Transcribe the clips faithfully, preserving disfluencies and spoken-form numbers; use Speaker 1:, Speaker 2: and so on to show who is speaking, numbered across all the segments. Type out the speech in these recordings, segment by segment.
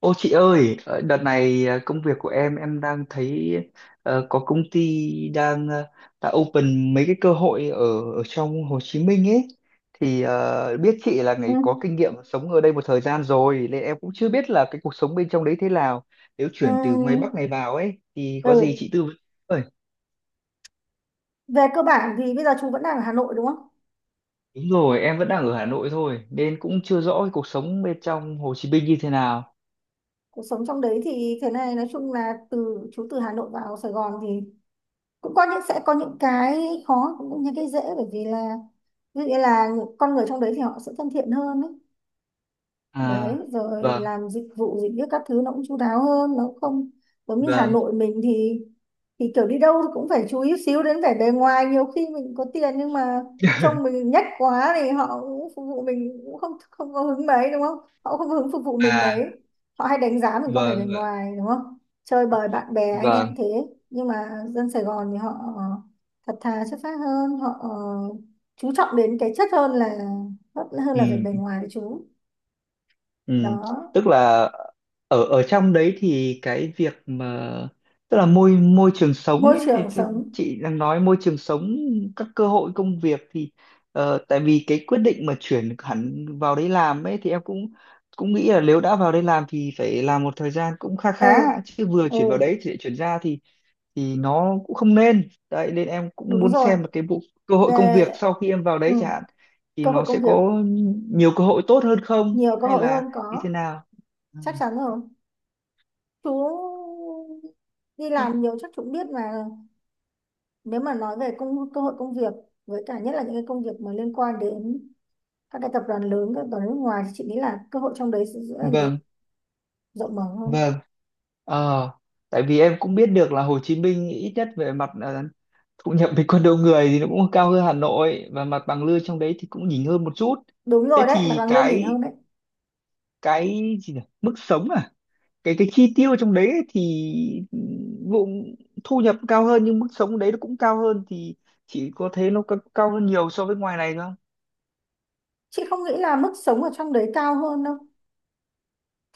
Speaker 1: Ô chị ơi, ờ, đợt này ờ, công việc của em em đang thấy ờ, có công ty đang ờ, đã open mấy cái cơ hội ở ở trong Hồ Chí Minh ấy thì ờ, biết chị là
Speaker 2: Ừ.
Speaker 1: người có kinh nghiệm sống ở đây một thời gian rồi nên em cũng chưa biết là cái cuộc sống bên trong đấy thế nào. Nếu
Speaker 2: Ừ.
Speaker 1: chuyển từ ngoài Bắc này vào ấy thì có gì
Speaker 2: Ừ.
Speaker 1: chị tư vấn. Ơi,
Speaker 2: Về cơ bản thì bây giờ chú vẫn đang ở Hà Nội đúng không?
Speaker 1: đúng rồi, em vẫn đang ở Hà Nội thôi nên cũng chưa rõ cái cuộc sống bên trong Hồ Chí Minh như thế nào.
Speaker 2: Cuộc sống trong đấy thì thế này, nói chung là từ chú từ Hà Nội vào Sài Gòn thì cũng có những sẽ có những cái khó cũng như cái dễ, bởi vì là ví dụ như là những con người trong đấy thì họ sẽ thân thiện hơn ấy. Đấy,
Speaker 1: À,
Speaker 2: rồi
Speaker 1: vâng,
Speaker 2: làm dịch vụ gì hết các thứ nó cũng chu đáo hơn, nó không giống như Hà
Speaker 1: vâng.
Speaker 2: Nội mình. Thì thì kiểu đi đâu cũng phải chú ý xíu đến vẻ bề ngoài, nhiều khi mình có tiền nhưng mà trông mình nhách quá thì họ cũng phục vụ mình cũng không không có hứng mấy đúng không, họ không có hứng phục vụ mình
Speaker 1: À,
Speaker 2: mấy, họ hay đánh giá mình có vẻ bề
Speaker 1: vâng,
Speaker 2: ngoài đúng không, chơi bời bạn bè anh em
Speaker 1: vâng.
Speaker 2: thế. Nhưng mà dân Sài Gòn thì họ ờ, thật thà chất phác hơn, họ ờ, chú trọng đến cái chất hơn là hơn là vẻ
Speaker 1: Ừ,
Speaker 2: bề ngoài đấy chú.
Speaker 1: ừ.
Speaker 2: Đó,
Speaker 1: Tức là ở ở trong đấy thì cái việc mà tức là môi môi trường sống
Speaker 2: môi
Speaker 1: ấy thì
Speaker 2: trường
Speaker 1: theo
Speaker 2: sống.
Speaker 1: chị đang nói môi trường sống, các cơ hội công việc thì ờ, tại vì cái quyết định mà chuyển hẳn vào đấy làm ấy thì em cũng cũng nghĩ là nếu đã vào đây làm thì phải làm một thời gian cũng kha
Speaker 2: Ừ.
Speaker 1: khá, chứ vừa
Speaker 2: Ừ.
Speaker 1: chuyển vào đấy thì lại chuyển ra thì thì nó cũng không nên đấy, nên em cũng
Speaker 2: Đúng
Speaker 1: muốn
Speaker 2: rồi,
Speaker 1: xem là cái bộ cơ hội công
Speaker 2: về
Speaker 1: việc sau khi em vào
Speaker 2: ừ,
Speaker 1: đấy chẳng hạn thì
Speaker 2: cơ hội
Speaker 1: nó sẽ
Speaker 2: công việc
Speaker 1: có nhiều cơ hội tốt hơn không
Speaker 2: nhiều cơ
Speaker 1: hay
Speaker 2: hội
Speaker 1: là
Speaker 2: hơn,
Speaker 1: như thế
Speaker 2: có
Speaker 1: nào. À,
Speaker 2: chắc chắn rồi. Chú đi làm nhiều chắc chú cũng biết là nếu mà nói về công cơ hội công việc, với cả nhất là những cái công việc mà liên quan đến các cái tập đoàn lớn, các tập đoàn nước ngoài thì chị nghĩ là cơ hội trong đấy sẽ rất là nhiều,
Speaker 1: vâng,
Speaker 2: rộng mở hơn.
Speaker 1: vâng. ờ Tại vì em cũng biết được là Hồ Chí Minh ít nhất về mặt ờ, thu nhập bình quân đầu người thì nó cũng cao hơn Hà Nội và mặt bằng lương trong đấy thì cũng nhỉnh hơn một chút.
Speaker 2: Đúng rồi
Speaker 1: Thế
Speaker 2: đấy, mặt
Speaker 1: thì
Speaker 2: bằng lương nhìn
Speaker 1: cái
Speaker 2: hơn đấy.
Speaker 1: cái gì nhỉ, mức sống à, cái cái chi tiêu trong đấy ấy thì ừ, vụ thu nhập cao hơn nhưng mức sống đấy nó cũng cao hơn thì chỉ có thế, nó ca- cao hơn nhiều so với ngoài này thôi không?
Speaker 2: Chị không nghĩ là mức sống ở trong đấy cao hơn đâu,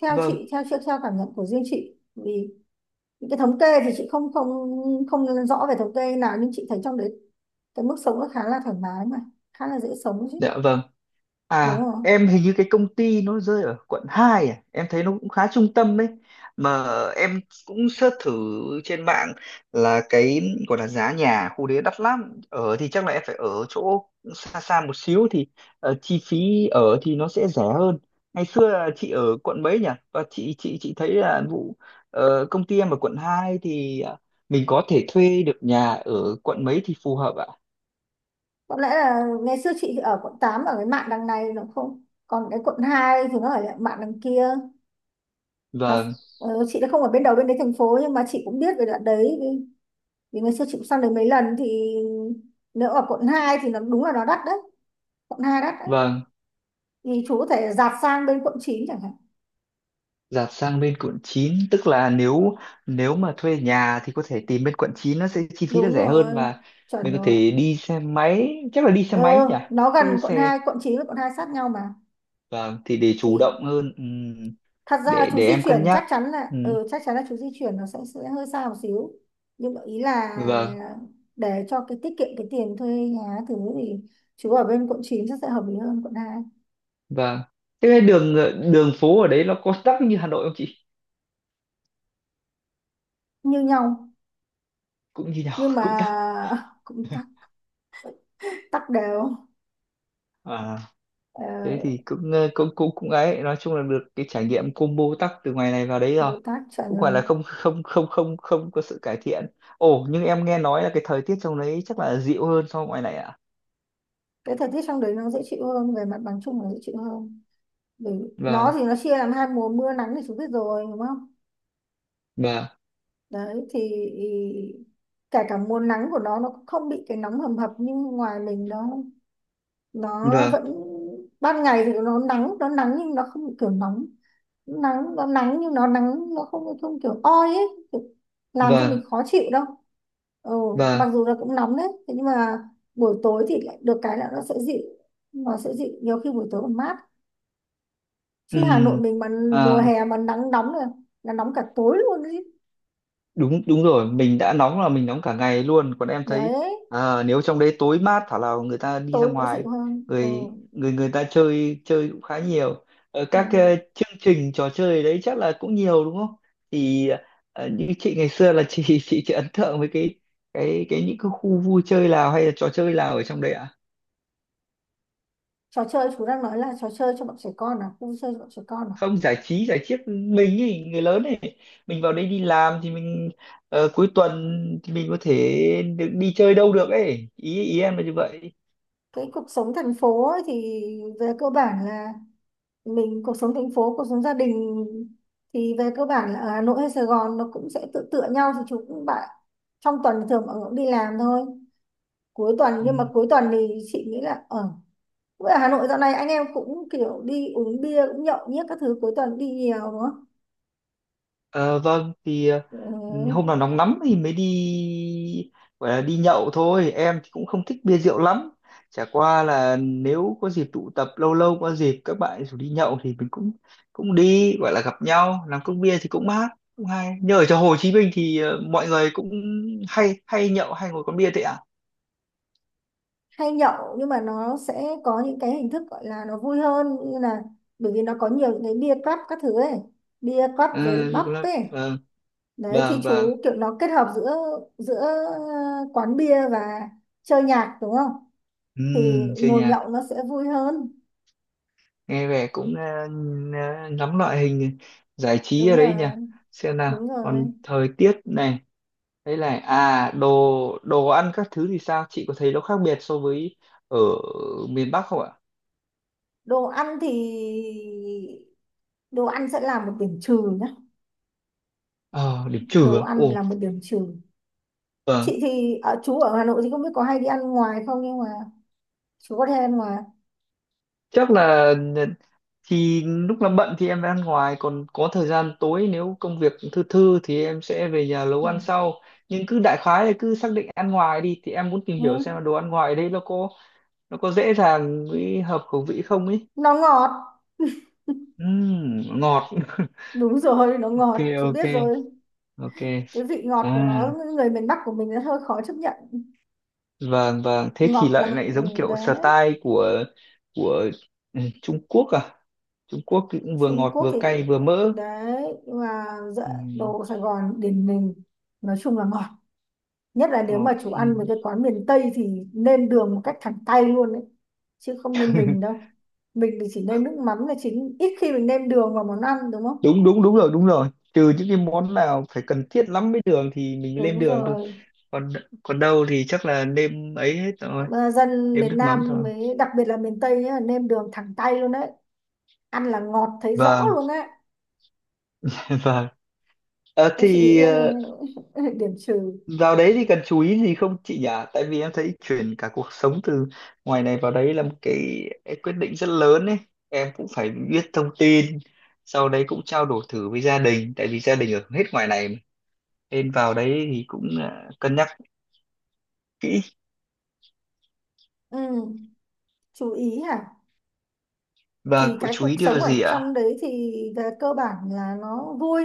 Speaker 2: theo
Speaker 1: Vâng,
Speaker 2: chị, theo theo, theo cảm nhận của riêng chị. Vì những cái thống kê thì chị không không không rõ về thống kê nào, nhưng chị thấy trong đấy cái mức sống nó khá là thoải mái mà, khá là dễ sống chứ
Speaker 1: dạ vâng.
Speaker 2: đúng
Speaker 1: À,
Speaker 2: không.
Speaker 1: em hình như cái công ty nó rơi ở quận hai à, em thấy nó cũng khá trung tâm đấy. Mà em cũng search thử trên mạng là cái gọi là giá nhà khu đấy đắt lắm. Ở thì chắc là em phải ở chỗ xa xa một xíu thì ờ, chi phí ở thì nó sẽ rẻ hơn. Ngày xưa là chị ở quận mấy nhỉ? Và chị chị chị thấy là vụ ờ, công ty em ở quận hai thì ờ, mình có thể thuê được nhà ở quận mấy thì phù hợp ạ?
Speaker 2: Có lẽ là ngày xưa chị thì ở quận tám, ở cái mạn đằng này, nó không còn, cái quận hai thì nó ở lại mạn đằng kia. nó
Speaker 1: Vâng,
Speaker 2: ờ, chị đã không ở bên đầu bên đấy thành phố nhưng mà chị cũng biết về đoạn đấy, vì, vì ngày xưa chị cũng sang đấy mấy lần. Thì nếu ở quận hai thì nó đúng là nó đắt đấy, quận hai đắt đấy.
Speaker 1: vâng.
Speaker 2: Thì chú có thể dạt sang bên quận chín chẳng hạn.
Speaker 1: Dạt sang bên quận chín, tức là nếu nếu mà thuê nhà thì có thể tìm bên quận chín, nó sẽ chi phí nó
Speaker 2: Đúng
Speaker 1: rẻ hơn
Speaker 2: rồi,
Speaker 1: và
Speaker 2: chuẩn
Speaker 1: mình có
Speaker 2: rồi.
Speaker 1: thể đi xe máy, chắc là đi xe
Speaker 2: Ừ,
Speaker 1: máy nhỉ,
Speaker 2: nó gần,
Speaker 1: chứ
Speaker 2: quận
Speaker 1: xe
Speaker 2: hai quận chín và quận hai sát nhau mà.
Speaker 1: vâng thì để chủ
Speaker 2: Thì
Speaker 1: động hơn. Ừm,
Speaker 2: thật ra là
Speaker 1: để
Speaker 2: chú
Speaker 1: để
Speaker 2: di
Speaker 1: em cân
Speaker 2: chuyển chắc
Speaker 1: nhắc.
Speaker 2: chắn là,
Speaker 1: Ừm,
Speaker 2: ừ, chắc chắn là chú di chuyển nó sẽ sẽ hơi xa một xíu. Nhưng mà ý là
Speaker 1: vâng,
Speaker 2: để cho cái tiết kiệm cái tiền thuê nhà thứ thì chú ở bên quận chín chắc sẽ hợp lý hơn quận hai.
Speaker 1: vâng. Thế cái đường đường phố ở đấy nó có tắc như Hà Nội không chị?
Speaker 2: Như nhau,
Speaker 1: Cũng như nhau,
Speaker 2: nhưng mà
Speaker 1: cũng tắc.
Speaker 2: cũng tắc, tắc đều.
Speaker 1: À,
Speaker 2: Ờ,
Speaker 1: thế thì cũng ờ, cũng cũng cũng ấy, nói chung là được cái trải nghiệm combo tắc từ ngoài này vào đấy rồi,
Speaker 2: Bồ Tát chuẩn
Speaker 1: cũng gọi là
Speaker 2: rồi.
Speaker 1: không không không không không có sự cải thiện. Ồ, nhưng em nghe nói là cái thời tiết trong đấy chắc là dịu hơn so với ngoài này ạ.
Speaker 2: Cái thời tiết trong đấy nó dễ chịu hơn, về mặt bằng chung là dễ chịu hơn. Bởi nó
Speaker 1: Vâng,
Speaker 2: thì nó chia làm hai mùa mưa nắng thì chú biết rồi, đúng không?
Speaker 1: vâng,
Speaker 2: Đấy thì ý- kể cả mùa nắng của nó nó cũng không bị cái nóng hầm hập như ngoài mình, nó nó
Speaker 1: vâng,
Speaker 2: vẫn ban ngày thì nó nắng nó nắng nhưng nó không kiểu nóng, nắng nó nắng nhưng nó nắng nó không không kiểu oi ấy, kiểu làm cho mình
Speaker 1: vâng,
Speaker 2: khó chịu đâu. Ừ,
Speaker 1: vâng.
Speaker 2: mặc dù là cũng nóng đấy, thế nhưng mà buổi tối thì lại được cái là nó sẽ dịu nó sẽ dịu, nhiều khi buổi tối còn mát. Chứ Hà Nội mình mà mùa
Speaker 1: Ừ
Speaker 2: hè mà nắng nóng là là nóng cả tối luôn đấy.
Speaker 1: đúng, đúng rồi, mình đã nóng là mình nóng cả ngày luôn còn em thấy
Speaker 2: Đấy,
Speaker 1: à, nếu trong đấy tối mát thảo nào người ta đi ra
Speaker 2: tối nó
Speaker 1: ngoài,
Speaker 2: dịu hơn. Ừ.
Speaker 1: người người người ta chơi chơi cũng khá nhiều. Ờ,
Speaker 2: Ừ.
Speaker 1: các ờ, chương trình trò chơi đấy chắc là cũng nhiều đúng không, thì ờ, như chị ngày xưa là chị chị chị ấn tượng với cái cái cái những cái khu vui chơi nào hay là trò chơi nào ở trong đấy ạ?
Speaker 2: Trò chơi chú đang nói là trò chơi cho bọn trẻ con à, vui chơi cho bọn trẻ con à?
Speaker 1: Không, giải trí giải chiếc mình ấy, người lớn ấy, mình vào đây đi làm thì mình ờ, cuối tuần thì mình có thể được đi chơi đâu được ấy, ý ý em là như vậy.
Speaker 2: Cái cuộc sống thành phố ấy thì về cơ bản là mình cuộc sống thành phố, cuộc sống gia đình thì về cơ bản là ở Hà Nội hay Sài Gòn nó cũng sẽ tự tựa nhau. Thì chú cũng bạn, trong tuần thì thường mọi người cũng đi làm thôi. Cuối tuần nhưng mà
Speaker 1: Ừ.
Speaker 2: cuối tuần thì chị nghĩ là ở ở Hà Nội dạo này anh em cũng kiểu đi uống bia, cũng nhậu nhét các thứ cuối tuần đi nhiều đúng không?
Speaker 1: Ờ, vâng thì ờ, hôm
Speaker 2: Ừ.
Speaker 1: nào nóng lắm thì mới đi, gọi là đi nhậu thôi, em thì cũng không thích bia rượu lắm, chả qua là nếu có dịp tụ tập lâu lâu có dịp các bạn rủ đi nhậu thì mình cũng cũng đi, gọi là gặp nhau làm cốc bia thì cũng mát cũng hay. Như ở chỗ Hồ Chí Minh thì ờ, mọi người cũng hay hay nhậu hay ngồi quán bia thế ạ?
Speaker 2: Hay nhậu, nhưng mà nó sẽ có những cái hình thức gọi là nó vui hơn, như là, bởi vì nó có nhiều những cái bia club các thứ ấy, bia club rồi
Speaker 1: À, đi
Speaker 2: pub
Speaker 1: club,
Speaker 2: ấy.
Speaker 1: vâng,
Speaker 2: Đấy thì
Speaker 1: vâng, vâng.
Speaker 2: chú kiểu nó kết hợp giữa giữa quán bia và chơi nhạc đúng không,
Speaker 1: Ừ,
Speaker 2: thì
Speaker 1: chơi
Speaker 2: ngồi
Speaker 1: nhà,
Speaker 2: nhậu nó sẽ vui hơn.
Speaker 1: nghe vẻ cũng ờ, ờ, ngắm loại hình giải trí
Speaker 2: Đúng
Speaker 1: ở đấy nhỉ,
Speaker 2: rồi.
Speaker 1: xem
Speaker 2: Đúng
Speaker 1: nào còn
Speaker 2: rồi.
Speaker 1: thời tiết này. Đấy là à, đồ đồ ăn các thứ thì sao, chị có thấy nó khác biệt so với ở miền Bắc không ạ?
Speaker 2: Đồ ăn thì, đồ ăn sẽ là một điểm trừ nhá,
Speaker 1: Ờ, điểm
Speaker 2: đồ
Speaker 1: trừ à?
Speaker 2: ăn
Speaker 1: Ồ,
Speaker 2: là một điểm trừ. Chị
Speaker 1: vâng,
Speaker 2: thì ở chú ở Hà Nội thì không biết có hay đi ăn ngoài không, nhưng mà chú có thể ăn ngoài.
Speaker 1: chắc là ờ, thì lúc làm bận thì em phải ăn ngoài, còn có thời gian tối nếu công việc thư thư thì em sẽ về nhà nấu
Speaker 2: Ừ.
Speaker 1: ăn sau, nhưng cứ đại khái là cứ xác định ăn ngoài đi thì em muốn tìm hiểu xem
Speaker 2: Ừ.
Speaker 1: là đồ ăn ngoài ở đây nó có nó có dễ dàng với hợp khẩu vị không ấy.
Speaker 2: Nó ngọt.
Speaker 1: Ừm, ngọt
Speaker 2: Đúng rồi, nó
Speaker 1: ok,
Speaker 2: ngọt chú
Speaker 1: ok,
Speaker 2: biết rồi,
Speaker 1: ok.
Speaker 2: cái vị
Speaker 1: À,
Speaker 2: ngọt của nó người miền Bắc của mình nó hơi khó chấp nhận.
Speaker 1: vâng vâng, thế thì
Speaker 2: Ngọt là
Speaker 1: lại lại
Speaker 2: ừ,
Speaker 1: giống kiểu
Speaker 2: đấy.
Speaker 1: style của của ừ, Trung Quốc à, Trung Quốc thì cũng vừa
Speaker 2: Trung
Speaker 1: ngọt
Speaker 2: Quốc
Speaker 1: vừa
Speaker 2: thì
Speaker 1: cay vừa mỡ.
Speaker 2: đấy, nhưng mà dạ,
Speaker 1: Ừm,
Speaker 2: đồ Sài Gòn điển mình nói chung là ngọt, nhất là nếu
Speaker 1: Ngọt
Speaker 2: mà chú ăn
Speaker 1: ừm.
Speaker 2: với cái quán miền Tây thì nêm đường một cách thẳng tay luôn đấy, chứ không như mình đâu. Mình thì chỉ nêm nước mắm là chính, ít khi mình nêm đường vào món ăn đúng không.
Speaker 1: đúng đúng đúng rồi, đúng rồi, trừ những cái món nào phải cần thiết lắm với đường thì mình mới lên
Speaker 2: Đúng
Speaker 1: đường thôi,
Speaker 2: rồi.
Speaker 1: còn còn đâu thì chắc là nêm ấy hết rồi,
Speaker 2: Nhưng mà dân
Speaker 1: nêm
Speaker 2: miền
Speaker 1: nước mắm thôi.
Speaker 2: Nam với đặc biệt là miền Tây nhá, nêm đường thẳng tay luôn đấy, ăn là ngọt thấy rõ
Speaker 1: Vâng,
Speaker 2: luôn á.
Speaker 1: vâng. Ờ,
Speaker 2: Nên chị nghĩ
Speaker 1: thì
Speaker 2: đây
Speaker 1: ờ,
Speaker 2: điểm trừ.
Speaker 1: vào đấy thì cần chú ý gì không chị nhỉ? Tại vì em thấy chuyển cả cuộc sống từ ngoài này vào đấy là một cái quyết định rất lớn ấy. Em cũng phải biết thông tin, sau đấy cũng trao đổi thử với gia đình, tại vì gia đình ở hết ngoài này mà. Nên vào đấy thì cũng à, cân nhắc kỹ
Speaker 2: Ừ. Chú ý hả?
Speaker 1: và
Speaker 2: Thì
Speaker 1: có
Speaker 2: cái
Speaker 1: chú
Speaker 2: cuộc
Speaker 1: ý
Speaker 2: sống
Speaker 1: điều
Speaker 2: ở
Speaker 1: gì ạ?
Speaker 2: trong đấy thì về cơ bản là nó vui,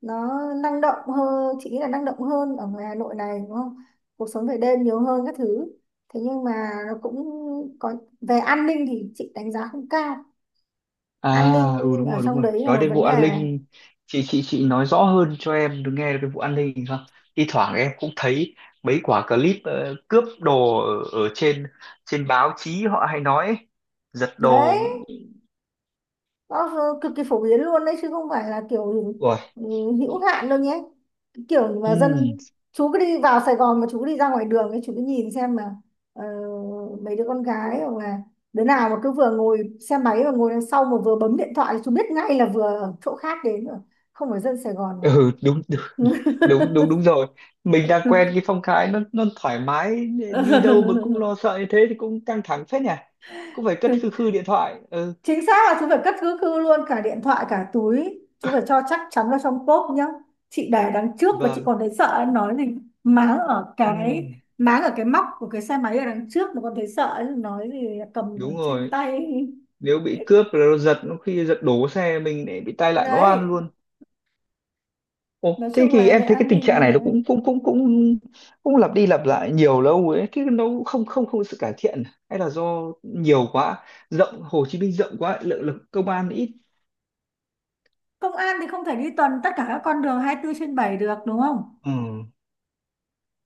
Speaker 2: nó năng động hơn, chị nghĩ là năng động hơn ở ngoài Hà Nội này đúng không, cuộc sống về đêm nhiều hơn các thứ. Thế nhưng mà nó cũng có, về an ninh thì chị đánh giá không cao,
Speaker 1: À,
Speaker 2: an ninh
Speaker 1: ừ đúng
Speaker 2: ở
Speaker 1: rồi, đúng
Speaker 2: trong
Speaker 1: rồi.
Speaker 2: đấy là
Speaker 1: Nói
Speaker 2: một
Speaker 1: đến
Speaker 2: vấn
Speaker 1: vụ
Speaker 2: đề.
Speaker 1: an ninh, chị chị chị nói rõ hơn cho em được nghe được cái vụ an ninh không? Thi thoảng em cũng thấy mấy quả clip ờ, cướp đồ ở, ở trên trên báo chí họ hay nói ấy. Giật
Speaker 2: Đấy,
Speaker 1: đồ.
Speaker 2: nó cực kỳ phổ biến luôn đấy chứ không phải là kiểu
Speaker 1: Rồi.
Speaker 2: ừ, hữu hạn đâu nhé. Cái kiểu mà dân,
Speaker 1: Ừ,
Speaker 2: chú cứ đi vào Sài Gòn mà chú cứ đi ra ngoài đường ấy, chú cứ nhìn xem mà ờ, mấy đứa con gái hoặc là đứa nào mà cứ vừa ngồi xe máy và ngồi đằng sau mà vừa bấm điện thoại là chú biết ngay là vừa ở chỗ khác đến rồi, không phải dân Sài Gòn mà.
Speaker 1: ừ đúng, đúng đúng đúng đúng rồi. Mình đang quen cái phong cái nó nó thoải mái, đi đâu mà cũng lo sợ như thế thì cũng căng thẳng phết nhỉ. Cũng phải cất khư khư điện thoại. Ừ,
Speaker 2: Chính xác là chú phải cất cứ khư luôn cả điện thoại cả túi, chú phải cho chắc chắn vào trong cốp nhá. Chị để đằng trước và chị
Speaker 1: vâng.
Speaker 2: còn thấy sợ, nói gì máng ở
Speaker 1: Ừ,
Speaker 2: cái máng ở cái móc của cái xe máy ở đằng trước mà còn thấy sợ, nói gì cầm ở
Speaker 1: đúng
Speaker 2: trên
Speaker 1: rồi.
Speaker 2: tay.
Speaker 1: Nếu bị cướp rồi nó giật nó, khi giật đổ xe mình để bị tai nạn nó ăn
Speaker 2: Đấy,
Speaker 1: luôn.
Speaker 2: nói
Speaker 1: Ồ, thế
Speaker 2: chung
Speaker 1: thì
Speaker 2: là
Speaker 1: em
Speaker 2: về
Speaker 1: thấy cái
Speaker 2: an
Speaker 1: tình
Speaker 2: ninh
Speaker 1: trạng này
Speaker 2: này.
Speaker 1: nó cũng cũng cũng cũng cũng lặp đi lặp lại nhiều lâu ấy, thế nó cũng không không không có sự cải thiện hay là do nhiều quá, rộng, Hồ Chí Minh rộng quá, lượng lực công an ít.
Speaker 2: Công an thì không thể đi tuần tất cả các con đường hai mươi bốn trên bảy được đúng không,
Speaker 1: Ừ.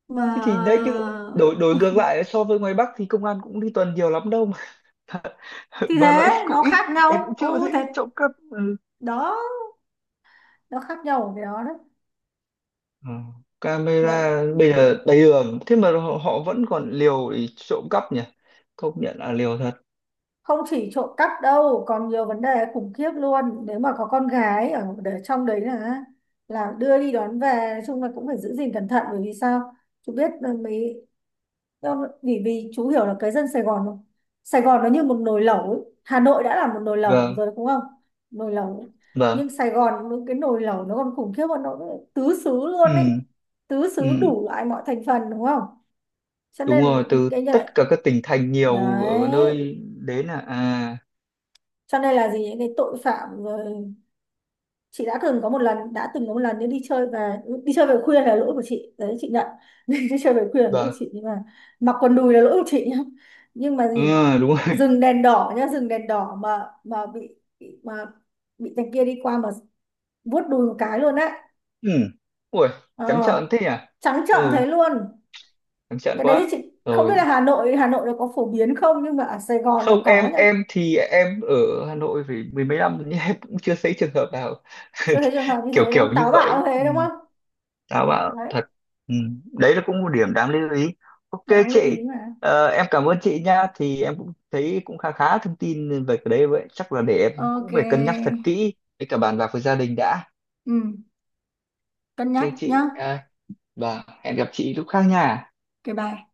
Speaker 2: mà
Speaker 1: Thế thì đấy chứ, đổi đổi
Speaker 2: ờ,
Speaker 1: ngược lại so với ngoài Bắc thì công an cũng đi tuần nhiều lắm đâu mà
Speaker 2: thì
Speaker 1: mà nó ít,
Speaker 2: thế
Speaker 1: cũng
Speaker 2: nó
Speaker 1: ít,
Speaker 2: khác
Speaker 1: em cũng
Speaker 2: nhau.
Speaker 1: chưa
Speaker 2: Ô
Speaker 1: thấy
Speaker 2: thế,
Speaker 1: trộm cắp. Ừ,
Speaker 2: đó, nó khác nhau ở cái đó đấy.
Speaker 1: Ờ,
Speaker 2: Vậy
Speaker 1: camera bây giờ đầy đường thế mà họ, họ vẫn còn liều để trộm cắp nhỉ, công nhận là liều thật.
Speaker 2: không chỉ trộm cắp đâu, còn nhiều vấn đề khủng khiếp luôn. Nếu mà có con gái ở để trong đấy là là đưa đi đón về, nói chung là cũng phải giữ gìn cẩn thận. Bởi vì sao, chú biết là mấy, do- vì vì chú hiểu là cái dân Sài Gòn không? Sài Gòn nó như một nồi lẩu ấy, Hà Nội đã là một nồi lẩu
Speaker 1: Vâng,
Speaker 2: rồi đúng không, nồi lẩu,
Speaker 1: vâng.
Speaker 2: nhưng Sài Gòn những cái nồi lẩu nó còn khủng khiếp hơn, nó tứ xứ luôn ấy,
Speaker 1: Ừ,
Speaker 2: tứ xứ
Speaker 1: ừ.
Speaker 2: đủ loại mọi thành phần đúng không. Cho
Speaker 1: Đúng
Speaker 2: nên
Speaker 1: rồi,
Speaker 2: những
Speaker 1: từ
Speaker 2: cái
Speaker 1: tất cả các tỉnh thành nhiều ở
Speaker 2: đấy,
Speaker 1: nơi đến là à
Speaker 2: cho nên là gì, những cái tội phạm rồi. Chị đã từng có một lần đã từng có một lần nếu đi chơi về, đi chơi về khuya là lỗi của chị, đấy chị nhận, đi chơi về khuya là lỗi của
Speaker 1: vâng.
Speaker 2: chị nhưng mà mặc quần đùi là lỗi của chị nhá, nhưng mà
Speaker 1: Ừ,
Speaker 2: gì,
Speaker 1: đúng rồi.
Speaker 2: dừng đèn đỏ nhá dừng đèn đỏ mà mà bị bị- mà bị thằng kia đi qua mà vuốt đùi một cái luôn đấy.
Speaker 1: Ừ. Ui, trắng
Speaker 2: ờ,
Speaker 1: trợn thế nhỉ.
Speaker 2: Trắng trợn
Speaker 1: Ừ,
Speaker 2: thế luôn.
Speaker 1: trắng trợn
Speaker 2: Cái đấy thì
Speaker 1: quá.
Speaker 2: chị không biết
Speaker 1: Rồi,
Speaker 2: là Hà Nội Hà Nội nó có phổ biến không, nhưng mà ở Sài Gòn là
Speaker 1: không
Speaker 2: có
Speaker 1: em
Speaker 2: nhá.
Speaker 1: em thì em ở Hà Nội phải mười mấy năm nhưng em cũng chưa thấy trường hợp nào
Speaker 2: Chưa thấy trường hợp như
Speaker 1: kiểu
Speaker 2: thế đúng
Speaker 1: kiểu
Speaker 2: không,
Speaker 1: như
Speaker 2: táo bạo
Speaker 1: vậy.
Speaker 2: như thế
Speaker 1: Ừ.
Speaker 2: đúng không.
Speaker 1: Tao bảo
Speaker 2: Đấy,
Speaker 1: thật. Ừ. Đấy là cũng một điểm đáng lưu ý. Ok
Speaker 2: đáng lưu ý
Speaker 1: chị,
Speaker 2: mà.
Speaker 1: ờ, em cảm ơn chị nha, thì em cũng thấy cũng khá khá thông tin về cái đấy, vậy chắc là để em
Speaker 2: OK.
Speaker 1: cũng phải cân nhắc thật kỹ với cả bàn bạc với gia đình đã.
Speaker 2: Ừ, cân
Speaker 1: Ok
Speaker 2: nhắc nhá.
Speaker 1: chị à, và hẹn gặp chị lúc khác nha.
Speaker 2: OK bye.